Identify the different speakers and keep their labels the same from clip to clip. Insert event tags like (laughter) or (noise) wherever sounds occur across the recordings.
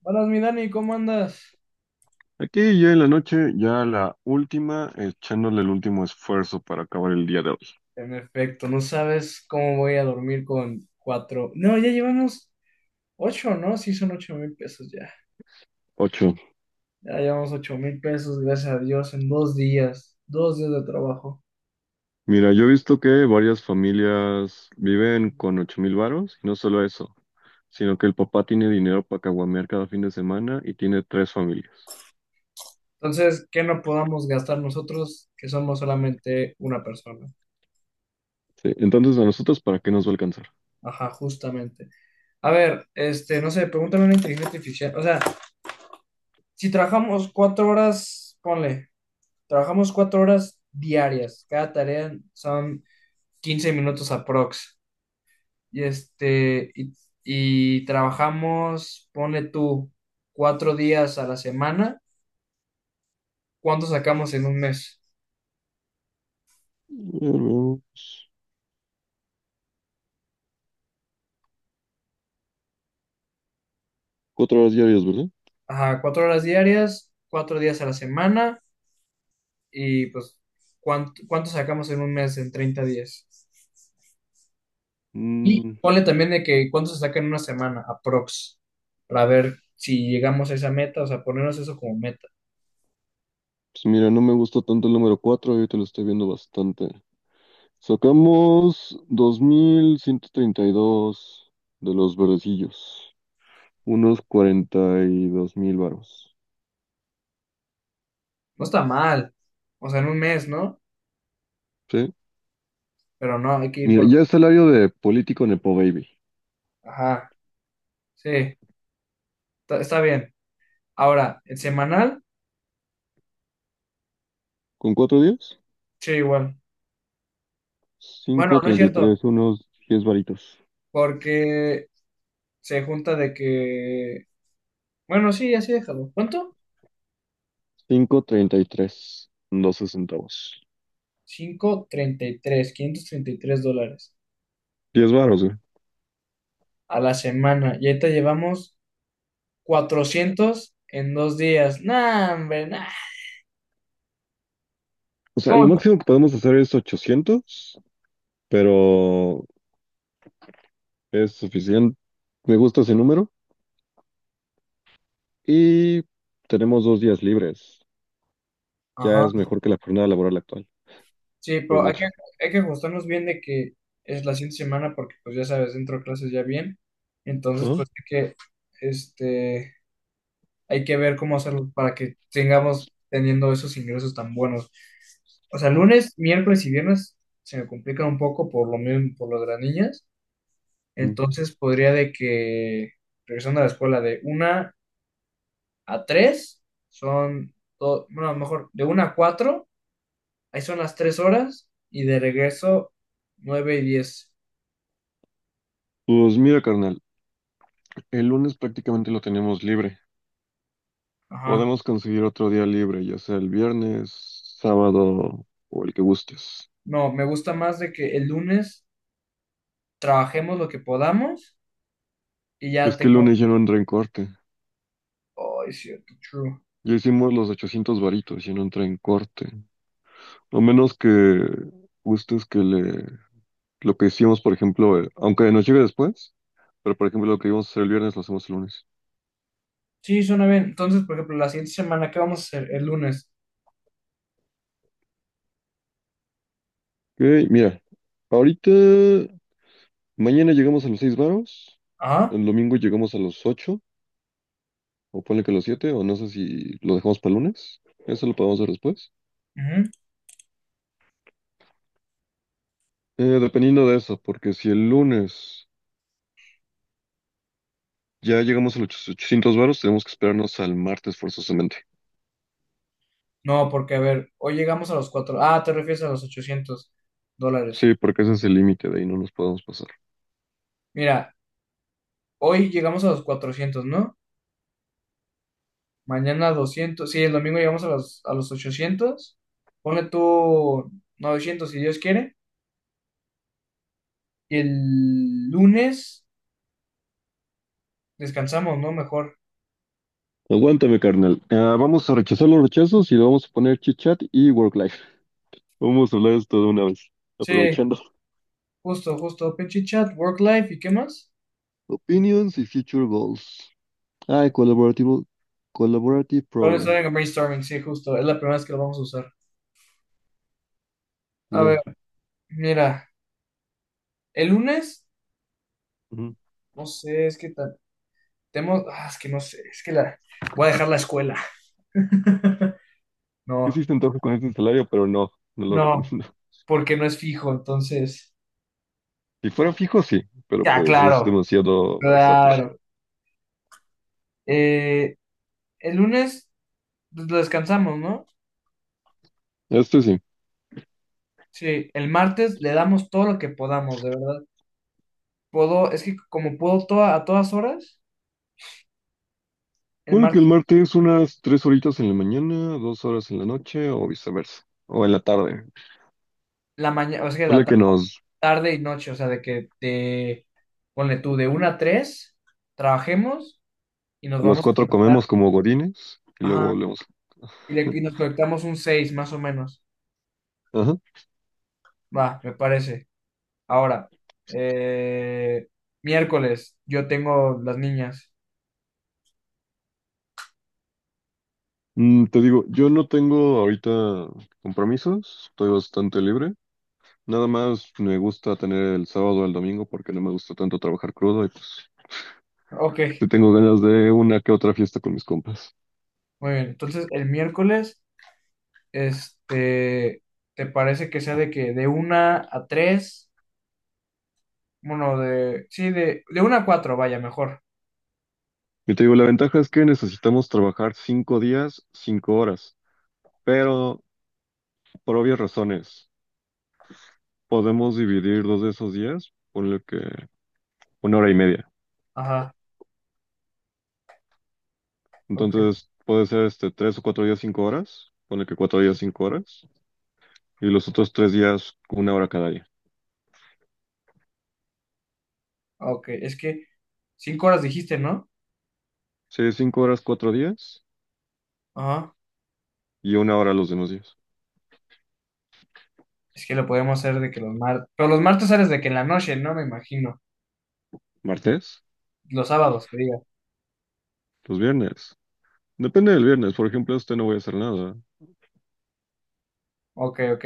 Speaker 1: Buenas, mi Dani, ¿cómo andas?
Speaker 2: Aquí ya en la noche, ya la última, echándole el último esfuerzo para acabar el día de hoy.
Speaker 1: En efecto, no sabes cómo voy a dormir con cuatro. No, ya llevamos ocho, ¿no? Sí, son 8000 pesos ya.
Speaker 2: Ocho.
Speaker 1: Ya llevamos 8000 pesos, gracias a Dios, en 2 días, 2 días de trabajo.
Speaker 2: Mira, yo he visto que varias familias viven con 8.000 varos, y no solo eso, sino que el papá tiene dinero para caguamear cada fin de semana y tiene tres familias.
Speaker 1: Entonces, ¿qué no podamos gastar nosotros, que somos solamente una persona?
Speaker 2: Sí, entonces a nosotros, ¿para qué nos va a alcanzar?
Speaker 1: Ajá, justamente. A ver, no sé, pregúntame una inteligencia artificial. O sea, si trabajamos 4 horas, ponle, trabajamos 4 horas diarias. Cada tarea son 15 minutos aprox. Y este, y, y trabajamos, pone tú, 4 días a la semana. ¿Cuánto sacamos en un mes?
Speaker 2: Bueno, cuatro horas diarias, ¿verdad?
Speaker 1: Ajá, 4 horas diarias, 4 días a la semana. Y pues, ¿cuánto sacamos en un mes en 30 días? Y
Speaker 2: Mm,
Speaker 1: ponle también de que cuánto se saca en una semana, aprox, para ver si llegamos a esa meta, o sea, ponernos eso como meta.
Speaker 2: pues mira, no me gusta tanto el número cuatro, ahorita lo estoy viendo bastante. Sacamos 2.132 de los verdecillos, unos 42.000 varos.
Speaker 1: No está mal, o sea, en un mes, ¿no?
Speaker 2: ¿Sí?
Speaker 1: Pero no, hay que ir
Speaker 2: Mira,
Speaker 1: por...
Speaker 2: ya el salario de político Nepo Baby.
Speaker 1: Ajá, sí, está bien. Ahora, el semanal,
Speaker 2: ¿Con cuatro días?
Speaker 1: sí, igual. Bueno,
Speaker 2: Cinco
Speaker 1: no es
Speaker 2: treinta y
Speaker 1: cierto,
Speaker 2: tres, unos 10 varitos.
Speaker 1: porque se junta de que. Bueno, sí, así déjalo. ¿Cuánto?
Speaker 2: Cinco treinta y tres, 12 centavos.
Speaker 1: Treinta treinta y tres $533
Speaker 2: Diez varos, güey.
Speaker 1: a la semana. Y ahorita llevamos 400 en 2 días. Nah, hombre, nah.
Speaker 2: O sea,
Speaker 1: ¿Cómo?
Speaker 2: lo
Speaker 1: ¿No?
Speaker 2: máximo que podemos hacer es 800, pero es suficiente. Me gusta ese número. Y tenemos dos días libres. Ya
Speaker 1: Ajá.
Speaker 2: es mejor que la jornada laboral actual.
Speaker 1: Sí,
Speaker 2: Por
Speaker 1: pero hay que,
Speaker 2: mucho.
Speaker 1: ajustarnos bien de que es la siguiente semana, porque, pues ya sabes, dentro de clases ya bien. Entonces,
Speaker 2: Ajá.
Speaker 1: pues hay que. Este. Hay que ver cómo hacerlo para que tengamos teniendo esos ingresos tan buenos. O sea, lunes, miércoles y viernes se me complican un poco por lo mismo, por lo de las niñas.
Speaker 2: Mm.
Speaker 1: Entonces podría de que, regresando a la escuela, de 1 a 3 son, todo, bueno, a lo mejor de 1 a 4, ahí son las 3 horas, y de regreso nueve y diez.
Speaker 2: Pues mira, carnal, el lunes prácticamente lo tenemos libre.
Speaker 1: Ajá.
Speaker 2: Podemos conseguir otro día libre, ya sea el viernes, sábado o el que gustes.
Speaker 1: No, me gusta más de que el lunes trabajemos lo que podamos y ya
Speaker 2: Es que el
Speaker 1: tengamos...
Speaker 2: lunes ya no entra en corte.
Speaker 1: Oh, es cierto, true.
Speaker 2: Ya hicimos los 800 varitos, ya no entra en corte. A menos que gustes lo que hicimos, por ejemplo, aunque nos llegue después, pero por ejemplo lo que íbamos a hacer el viernes lo hacemos el lunes.
Speaker 1: Sí, suena bien. Entonces, por ejemplo, la siguiente semana, ¿qué vamos a hacer? El lunes.
Speaker 2: Ok, mira, ahorita, mañana llegamos a los 6 varos,
Speaker 1: Ah,
Speaker 2: el domingo llegamos a los 8. O ponle que los siete, o no sé si lo dejamos para el lunes. Eso lo podemos ver después.
Speaker 1: ujú.
Speaker 2: Dependiendo de eso, porque si el lunes ya llegamos a los 800 varos, tenemos que esperarnos al martes forzosamente.
Speaker 1: No, porque a ver, hoy llegamos a los cuatro. Ah, te refieres a los $800.
Speaker 2: Sí, porque ese es el límite, de ahí no nos podemos pasar.
Speaker 1: Mira, hoy llegamos a los 400, ¿no? Mañana 200. Sí, el domingo llegamos a los 800. Pone tú 900 si Dios quiere. Y el lunes descansamos, ¿no? Mejor.
Speaker 2: Aguántame, carnal. Ah, vamos a rechazar los rechazos y le vamos a poner chit chat y work life. Vamos a hablar de esto de una vez,
Speaker 1: Sí,
Speaker 2: aprovechando.
Speaker 1: justo, justo. Pinche chat, work life, ¿y qué más?
Speaker 2: Opinions y future goals. Ah, collaborative problem.
Speaker 1: Brainstorming, brainstorming, sí, justo. Es la primera vez que lo vamos a usar. A ver,
Speaker 2: Mira,
Speaker 1: mira. El lunes,
Speaker 2: ujú.
Speaker 1: no sé, tenemos, es que no sé, es que la, voy a dejar la escuela. (laughs)
Speaker 2: Que sí
Speaker 1: No,
Speaker 2: se antoja con este salario, pero no, no lo
Speaker 1: no,
Speaker 2: recomiendo.
Speaker 1: porque no es fijo, entonces,
Speaker 2: Si fuera fijo, sí, pero
Speaker 1: ya,
Speaker 2: pues es
Speaker 1: claro,
Speaker 2: demasiado versátil.
Speaker 1: claro. Eh, el lunes pues, lo descansamos, ¿no?
Speaker 2: Este sí.
Speaker 1: Sí, el martes le damos todo lo que podamos, de verdad. Puedo, es que como puedo toda, a todas horas, el
Speaker 2: Puede que el
Speaker 1: martes,
Speaker 2: martes es unas tres horitas en la mañana, dos horas en la noche o viceversa, o en la tarde.
Speaker 1: la mañana, o sea,
Speaker 2: Puede que nos
Speaker 1: tarde y noche, o sea, de que te, ponle tú, de 1 a 3, trabajemos y nos
Speaker 2: A las
Speaker 1: vamos a
Speaker 2: cuatro
Speaker 1: conectar.
Speaker 2: comemos como gorines y luego
Speaker 1: Ajá,
Speaker 2: volvemos.
Speaker 1: y nos conectamos un 6 más o menos.
Speaker 2: Ajá.
Speaker 1: Va, me parece. Ahora, eh, miércoles, yo tengo las niñas.
Speaker 2: Te digo, yo no tengo ahorita compromisos, estoy bastante libre. Nada más me gusta tener el sábado o el domingo porque no me gusta tanto trabajar crudo y pues
Speaker 1: Ok,
Speaker 2: te tengo ganas de una que otra fiesta con mis compas.
Speaker 1: muy bien. Entonces, el miércoles, este, ¿te parece que sea de que de una a tres? Bueno, de, sí, de una a 4 vaya, mejor.
Speaker 2: Yo te digo, la ventaja es que necesitamos trabajar cinco días, cinco horas, pero por obvias razones podemos dividir dos de esos días, ponle que una hora y media.
Speaker 1: Ajá, ok,
Speaker 2: Entonces puede ser tres o cuatro días, cinco horas, ponle que cuatro días, cinco horas, y los otros tres días, una hora cada día.
Speaker 1: ok. Es que 5 horas dijiste, ¿no?
Speaker 2: Sí, cinco horas, cuatro días
Speaker 1: Ajá.
Speaker 2: y una hora los demás días.
Speaker 1: Es que lo podemos hacer de que los martes. Pero los martes sales de que en la noche, ¿no? Me imagino.
Speaker 2: ¿Martes?
Speaker 1: Los sábados, que diga.
Speaker 2: Los viernes. Depende del viernes, por ejemplo, este no voy a hacer nada.
Speaker 1: Ok, ok,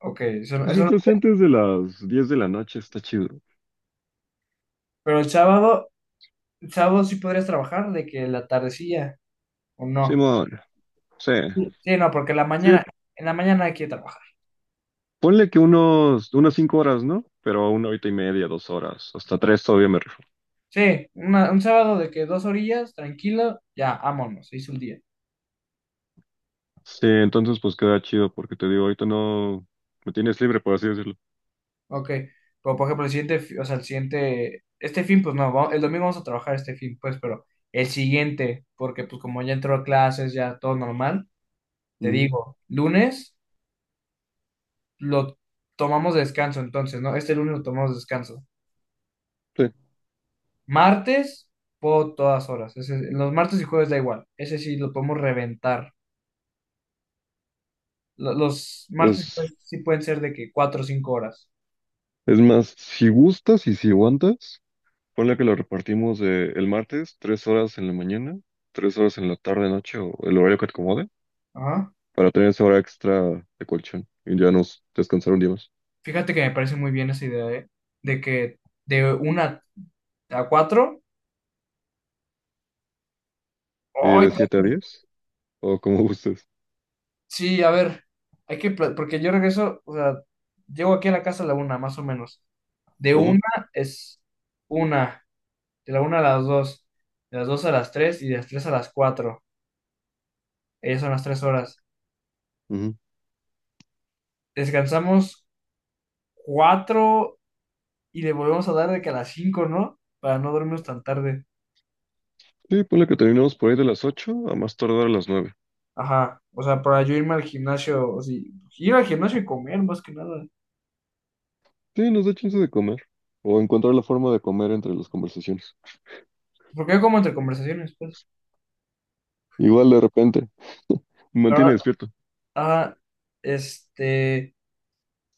Speaker 1: ok. Eso,
Speaker 2: Pues mientras sea antes de las 10 de la noche está chido.
Speaker 1: Pero el sábado sí podrías trabajar de que la tardecilla, o no.
Speaker 2: Simón, sí.
Speaker 1: Sí, sí, no, porque la
Speaker 2: Sí,
Speaker 1: mañana, en la mañana hay que trabajar.
Speaker 2: ponle que unas cinco horas, ¿no? Pero una horita y media, dos horas, hasta tres todavía me rifo.
Speaker 1: Sí, un sábado de que dos orillas, tranquilo, ya, vámonos, se hizo el día.
Speaker 2: Sí, entonces pues queda chido porque te digo, ahorita no me tienes libre, por así decirlo.
Speaker 1: Ok. Pero por ejemplo, el siguiente, o sea, el siguiente, este fin, pues no, el domingo vamos a trabajar este fin, pues, pero el siguiente, porque pues como ya entró a clases, ya todo normal, te
Speaker 2: Ujú,
Speaker 1: digo, lunes. Lo tomamos de descanso entonces, ¿no? Este lunes lo tomamos de descanso.
Speaker 2: sí,
Speaker 1: Martes, puedo todas horas. Los martes y jueves da igual. Ese sí lo podemos reventar. Los martes y
Speaker 2: pues
Speaker 1: jueves sí pueden ser de que 4 o 5 horas.
Speaker 2: es más, si gustas y si aguantas, ponle que lo repartimos de el martes, tres horas en la mañana, tres horas en la tarde, noche o el horario que te acomode,
Speaker 1: Ajá.
Speaker 2: para tener esa hora extra de colchón y ya nos descansar un día más.
Speaker 1: Fíjate que me parece muy bien esa idea, ¿eh? De que de 1 a 4.
Speaker 2: Y
Speaker 1: ¡Ay!
Speaker 2: de siete a diez, o como (laughs) gustes.
Speaker 1: Sí, a ver. Hay que, porque yo regreso, o sea, llego aquí a la casa a la una, más o menos. De
Speaker 2: Ajá.
Speaker 1: una es una. De la una a las 2, de las 2 a las tres y de las 3 a las cuatro, ellas son las 3 horas.
Speaker 2: Ujú.
Speaker 1: Descansamos 4 y le volvemos a dar de que a las 5, ¿no? Para no dormirnos tan tarde.
Speaker 2: Sí, ponle que terminamos por ahí de las 8, a más tardar a las nueve.
Speaker 1: Ajá, o sea, para yo irme al gimnasio, o sí, ir al gimnasio y comer más que nada.
Speaker 2: Sí, nos da chance de comer. O encontrar la forma de comer entre las conversaciones.
Speaker 1: Porque yo como entre conversaciones, pues.
Speaker 2: Igual de repente. Me mantiene
Speaker 1: Pero,
Speaker 2: despierto.
Speaker 1: ajá, este,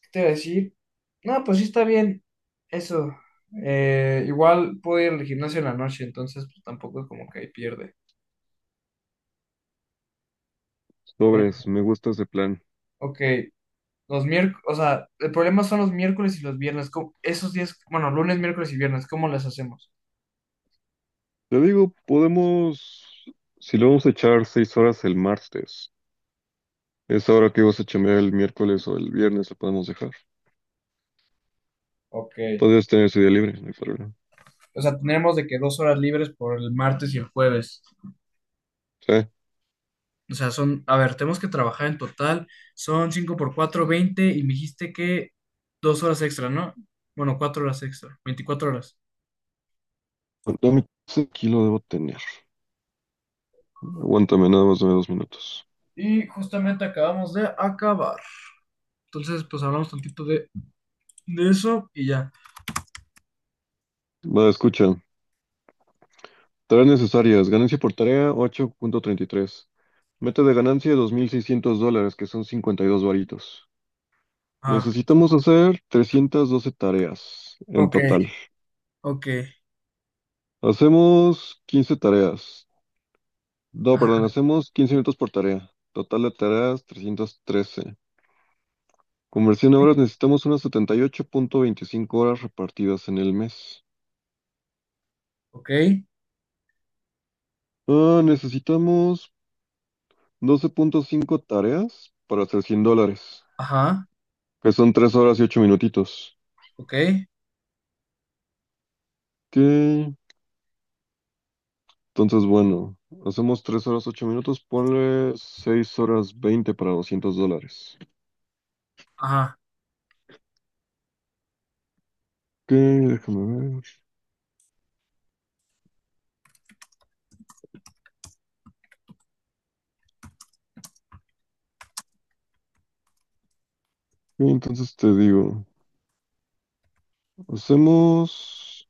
Speaker 1: ¿qué te iba a decir? No, pues sí está bien. Eso. Igual puedo ir al gimnasio en la noche, entonces pues, tampoco es como que ahí pierde. Eh,
Speaker 2: Sobres, me gusta ese plan.
Speaker 1: ok. Los miércoles, o sea, el problema son los miércoles y los viernes. Esos días, bueno, lunes, miércoles y viernes, ¿cómo las hacemos?
Speaker 2: Te digo, podemos... Si lo vamos a echar 6 horas el martes, esa hora que vas a chambear el miércoles o el viernes la podemos dejar.
Speaker 1: Ok.
Speaker 2: Podrías tener ese día libre, no hay problema.
Speaker 1: O sea, tenemos de que 2 horas libres por el martes y el jueves.
Speaker 2: Sí.
Speaker 1: O sea, son, a ver, tenemos que trabajar en total, son 5 por 4 20 y me dijiste que 2 horas extra, ¿no? Bueno, 4 horas extra, 24 horas.
Speaker 2: Dame- Aquí lo debo tener. Aguántame, nada más de dos minutos.
Speaker 1: Y justamente acabamos de acabar. Entonces, pues hablamos tantito de eso y ya.
Speaker 2: Va, escucha. Tareas necesarias. Ganancia por tarea 8.33. Meta de ganancia $2.600, que son 52 varitos.
Speaker 1: Ah,
Speaker 2: Necesitamos hacer 312 tareas en
Speaker 1: ok,
Speaker 2: total.
Speaker 1: ok,
Speaker 2: Hacemos 15 tareas. No, perdón,
Speaker 1: ajá,
Speaker 2: hacemos 15 minutos por tarea. Total de tareas 313. Conversión a horas necesitamos unas 78.25 horas repartidas en el mes.
Speaker 1: ok,
Speaker 2: Ah, necesitamos 12.5 tareas para hacer $100,
Speaker 1: ajá,
Speaker 2: que son 3 horas y 8 minutitos.
Speaker 1: ok,
Speaker 2: Ok. Entonces, bueno, hacemos 3 horas 8 minutos, ponle 6 horas 20 para $200.
Speaker 1: ajá.
Speaker 2: Ok, déjame ver. Ok, entonces te digo, hacemos...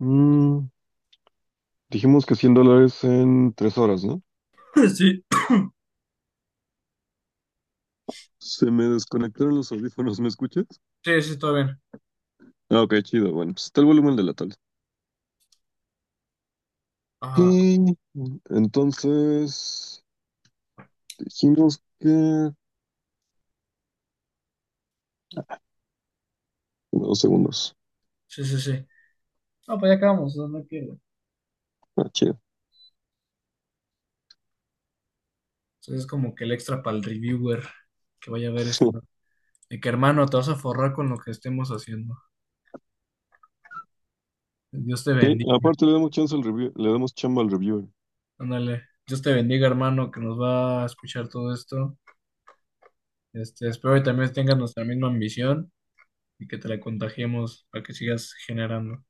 Speaker 2: mm, dijimos que $100 en 3 horas, ¿no?
Speaker 1: Sí,
Speaker 2: Se me desconectaron los audífonos, ¿me escuchas?
Speaker 1: sí, sí, todo bien.
Speaker 2: Ah, ok, chido, bueno, pues está el volumen de la tablet.
Speaker 1: Ajá,
Speaker 2: Ok, entonces dijimos que... Dos segundos.
Speaker 1: sí, sí, sí. Ah, pues ya acabamos, no hay pierde.
Speaker 2: Ah, chido.
Speaker 1: Entonces es como que el extra para el reviewer que vaya a ver esto.
Speaker 2: (laughs)
Speaker 1: Y que hermano, te vas a forrar con lo que estemos haciendo. Dios te
Speaker 2: Ok,
Speaker 1: bendiga.
Speaker 2: aparte le damos chance al review, le damos chamba al reviewer.
Speaker 1: Ándale. Dios te bendiga, hermano, que nos va a escuchar todo esto. Espero que también tengas nuestra misma ambición y que te la contagiemos para que sigas generando.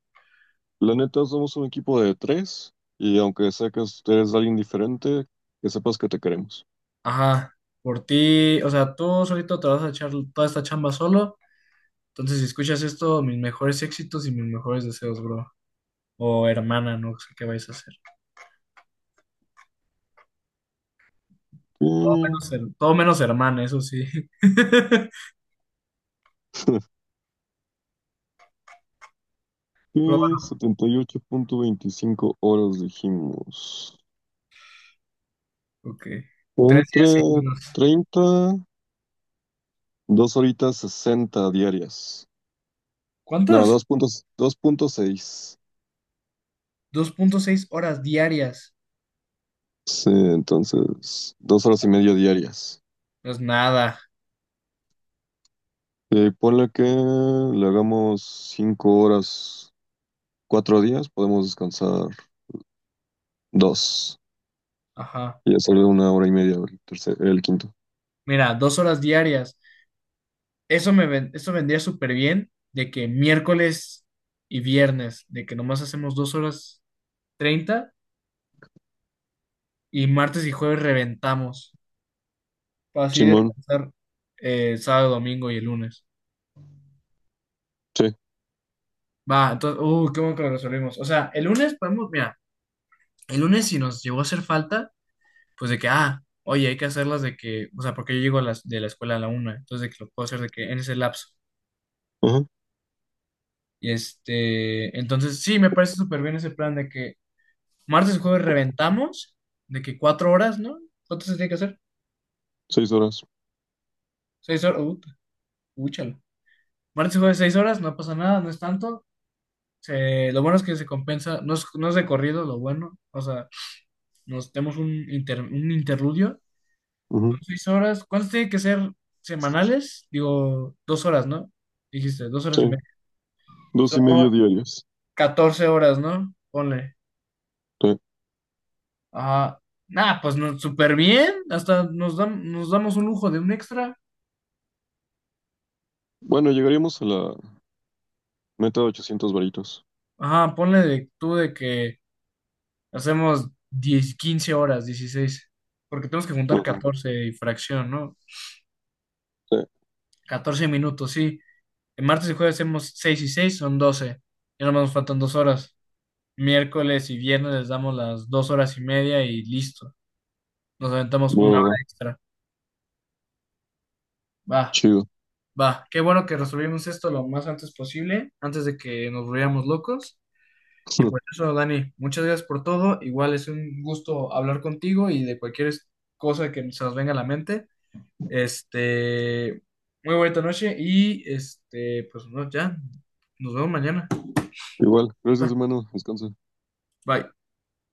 Speaker 2: La neta, somos un equipo de tres y aunque sea que ustedes alguien diferente, que sepas que te queremos.
Speaker 1: Ajá, por ti, o sea, tú solito te vas a echar toda esta chamba solo. Entonces, si escuchas esto, mis mejores éxitos y mis mejores deseos, bro. O hermana, no sé qué vais a hacer.
Speaker 2: Y-
Speaker 1: Menos todo menos hermana, eso sí. (laughs)
Speaker 2: (laughs)
Speaker 1: Pero
Speaker 2: y 78.25 horas dijimos.
Speaker 1: bueno, ok. Tres
Speaker 2: Entre
Speaker 1: días seguidos.
Speaker 2: 30 2 horitas 60 diarias. No,
Speaker 1: ¿Cuántas?
Speaker 2: 2.6. 2.6.
Speaker 1: 2.6 horas diarias.
Speaker 2: Sí, entonces, dos horas y media diarias.
Speaker 1: Pues nada.
Speaker 2: Ponle que le hagamos cinco horas, cuatro días, podemos descansar dos.
Speaker 1: Ajá.
Speaker 2: Y ya salió una hora y media el tercer, el quinto.
Speaker 1: Mira, 2 horas diarias. Eso vendría súper bien de que miércoles y viernes, de que nomás hacemos 2 horas 30 y martes y jueves reventamos. Para así
Speaker 2: Simón,
Speaker 1: descansar sábado, domingo y el lunes.
Speaker 2: sí,
Speaker 1: Va, entonces, qué bueno que lo resolvimos. O sea, el lunes podemos, mira. El lunes si nos llegó a hacer falta, pues de que, ah, oye, hay que hacerlas de que, o sea, porque yo llego a las, de la escuela a la una, entonces de que lo puedo hacer de que en ese lapso.
Speaker 2: ajá,
Speaker 1: Y entonces sí, me parece súper bien ese plan de que martes y jueves reventamos, de que 4 horas, ¿no? ¿Cuánto se tiene que hacer?
Speaker 2: seis horas,
Speaker 1: 6 horas, úchala. Martes y jueves 6 horas, no pasa nada, no es tanto. Lo bueno es que se compensa, no es de corrido, lo bueno, o sea, nos tenemos un interludio.
Speaker 2: ujú,
Speaker 1: 6 horas. ¿Cuánto tiene que ser semanales? Digo, 2 horas, ¿no? Dijiste, dos horas
Speaker 2: sí,
Speaker 1: y media.
Speaker 2: dos
Speaker 1: Son
Speaker 2: y medio diarias,
Speaker 1: 14 horas, ¿no? Ponle.
Speaker 2: sí.
Speaker 1: Ajá. Nah, pues no, súper bien. Hasta nos, nos damos un lujo de un extra.
Speaker 2: Bueno, llegaríamos a la meta de 800 varitos.
Speaker 1: Ajá, ponle de, tú de que hacemos 10, 15 horas, 16. Porque tenemos que juntar
Speaker 2: Ujú,
Speaker 1: 14 y fracción, ¿no?
Speaker 2: sí,
Speaker 1: 14 minutos, sí. En martes y jueves hacemos 6 y 6 son 12. Y nada más nos faltan 2 horas. Miércoles y viernes les damos las 2 horas y media y listo. Nos aventamos
Speaker 2: va,
Speaker 1: una
Speaker 2: va, va,
Speaker 1: hora extra. Va,
Speaker 2: chido.
Speaker 1: va. Qué bueno que resolvimos esto lo más antes posible, antes de que nos volviéramos locos. Y por
Speaker 2: (laughs)
Speaker 1: eso, Dani, muchas gracias por todo. Igual es un gusto hablar contigo y de cualquier cosa que se nos venga a la mente. Este, muy bonita noche y pues no, ya, nos vemos mañana.
Speaker 2: Igual,
Speaker 1: Ah,
Speaker 2: gracias hermano, descansa.
Speaker 1: bye.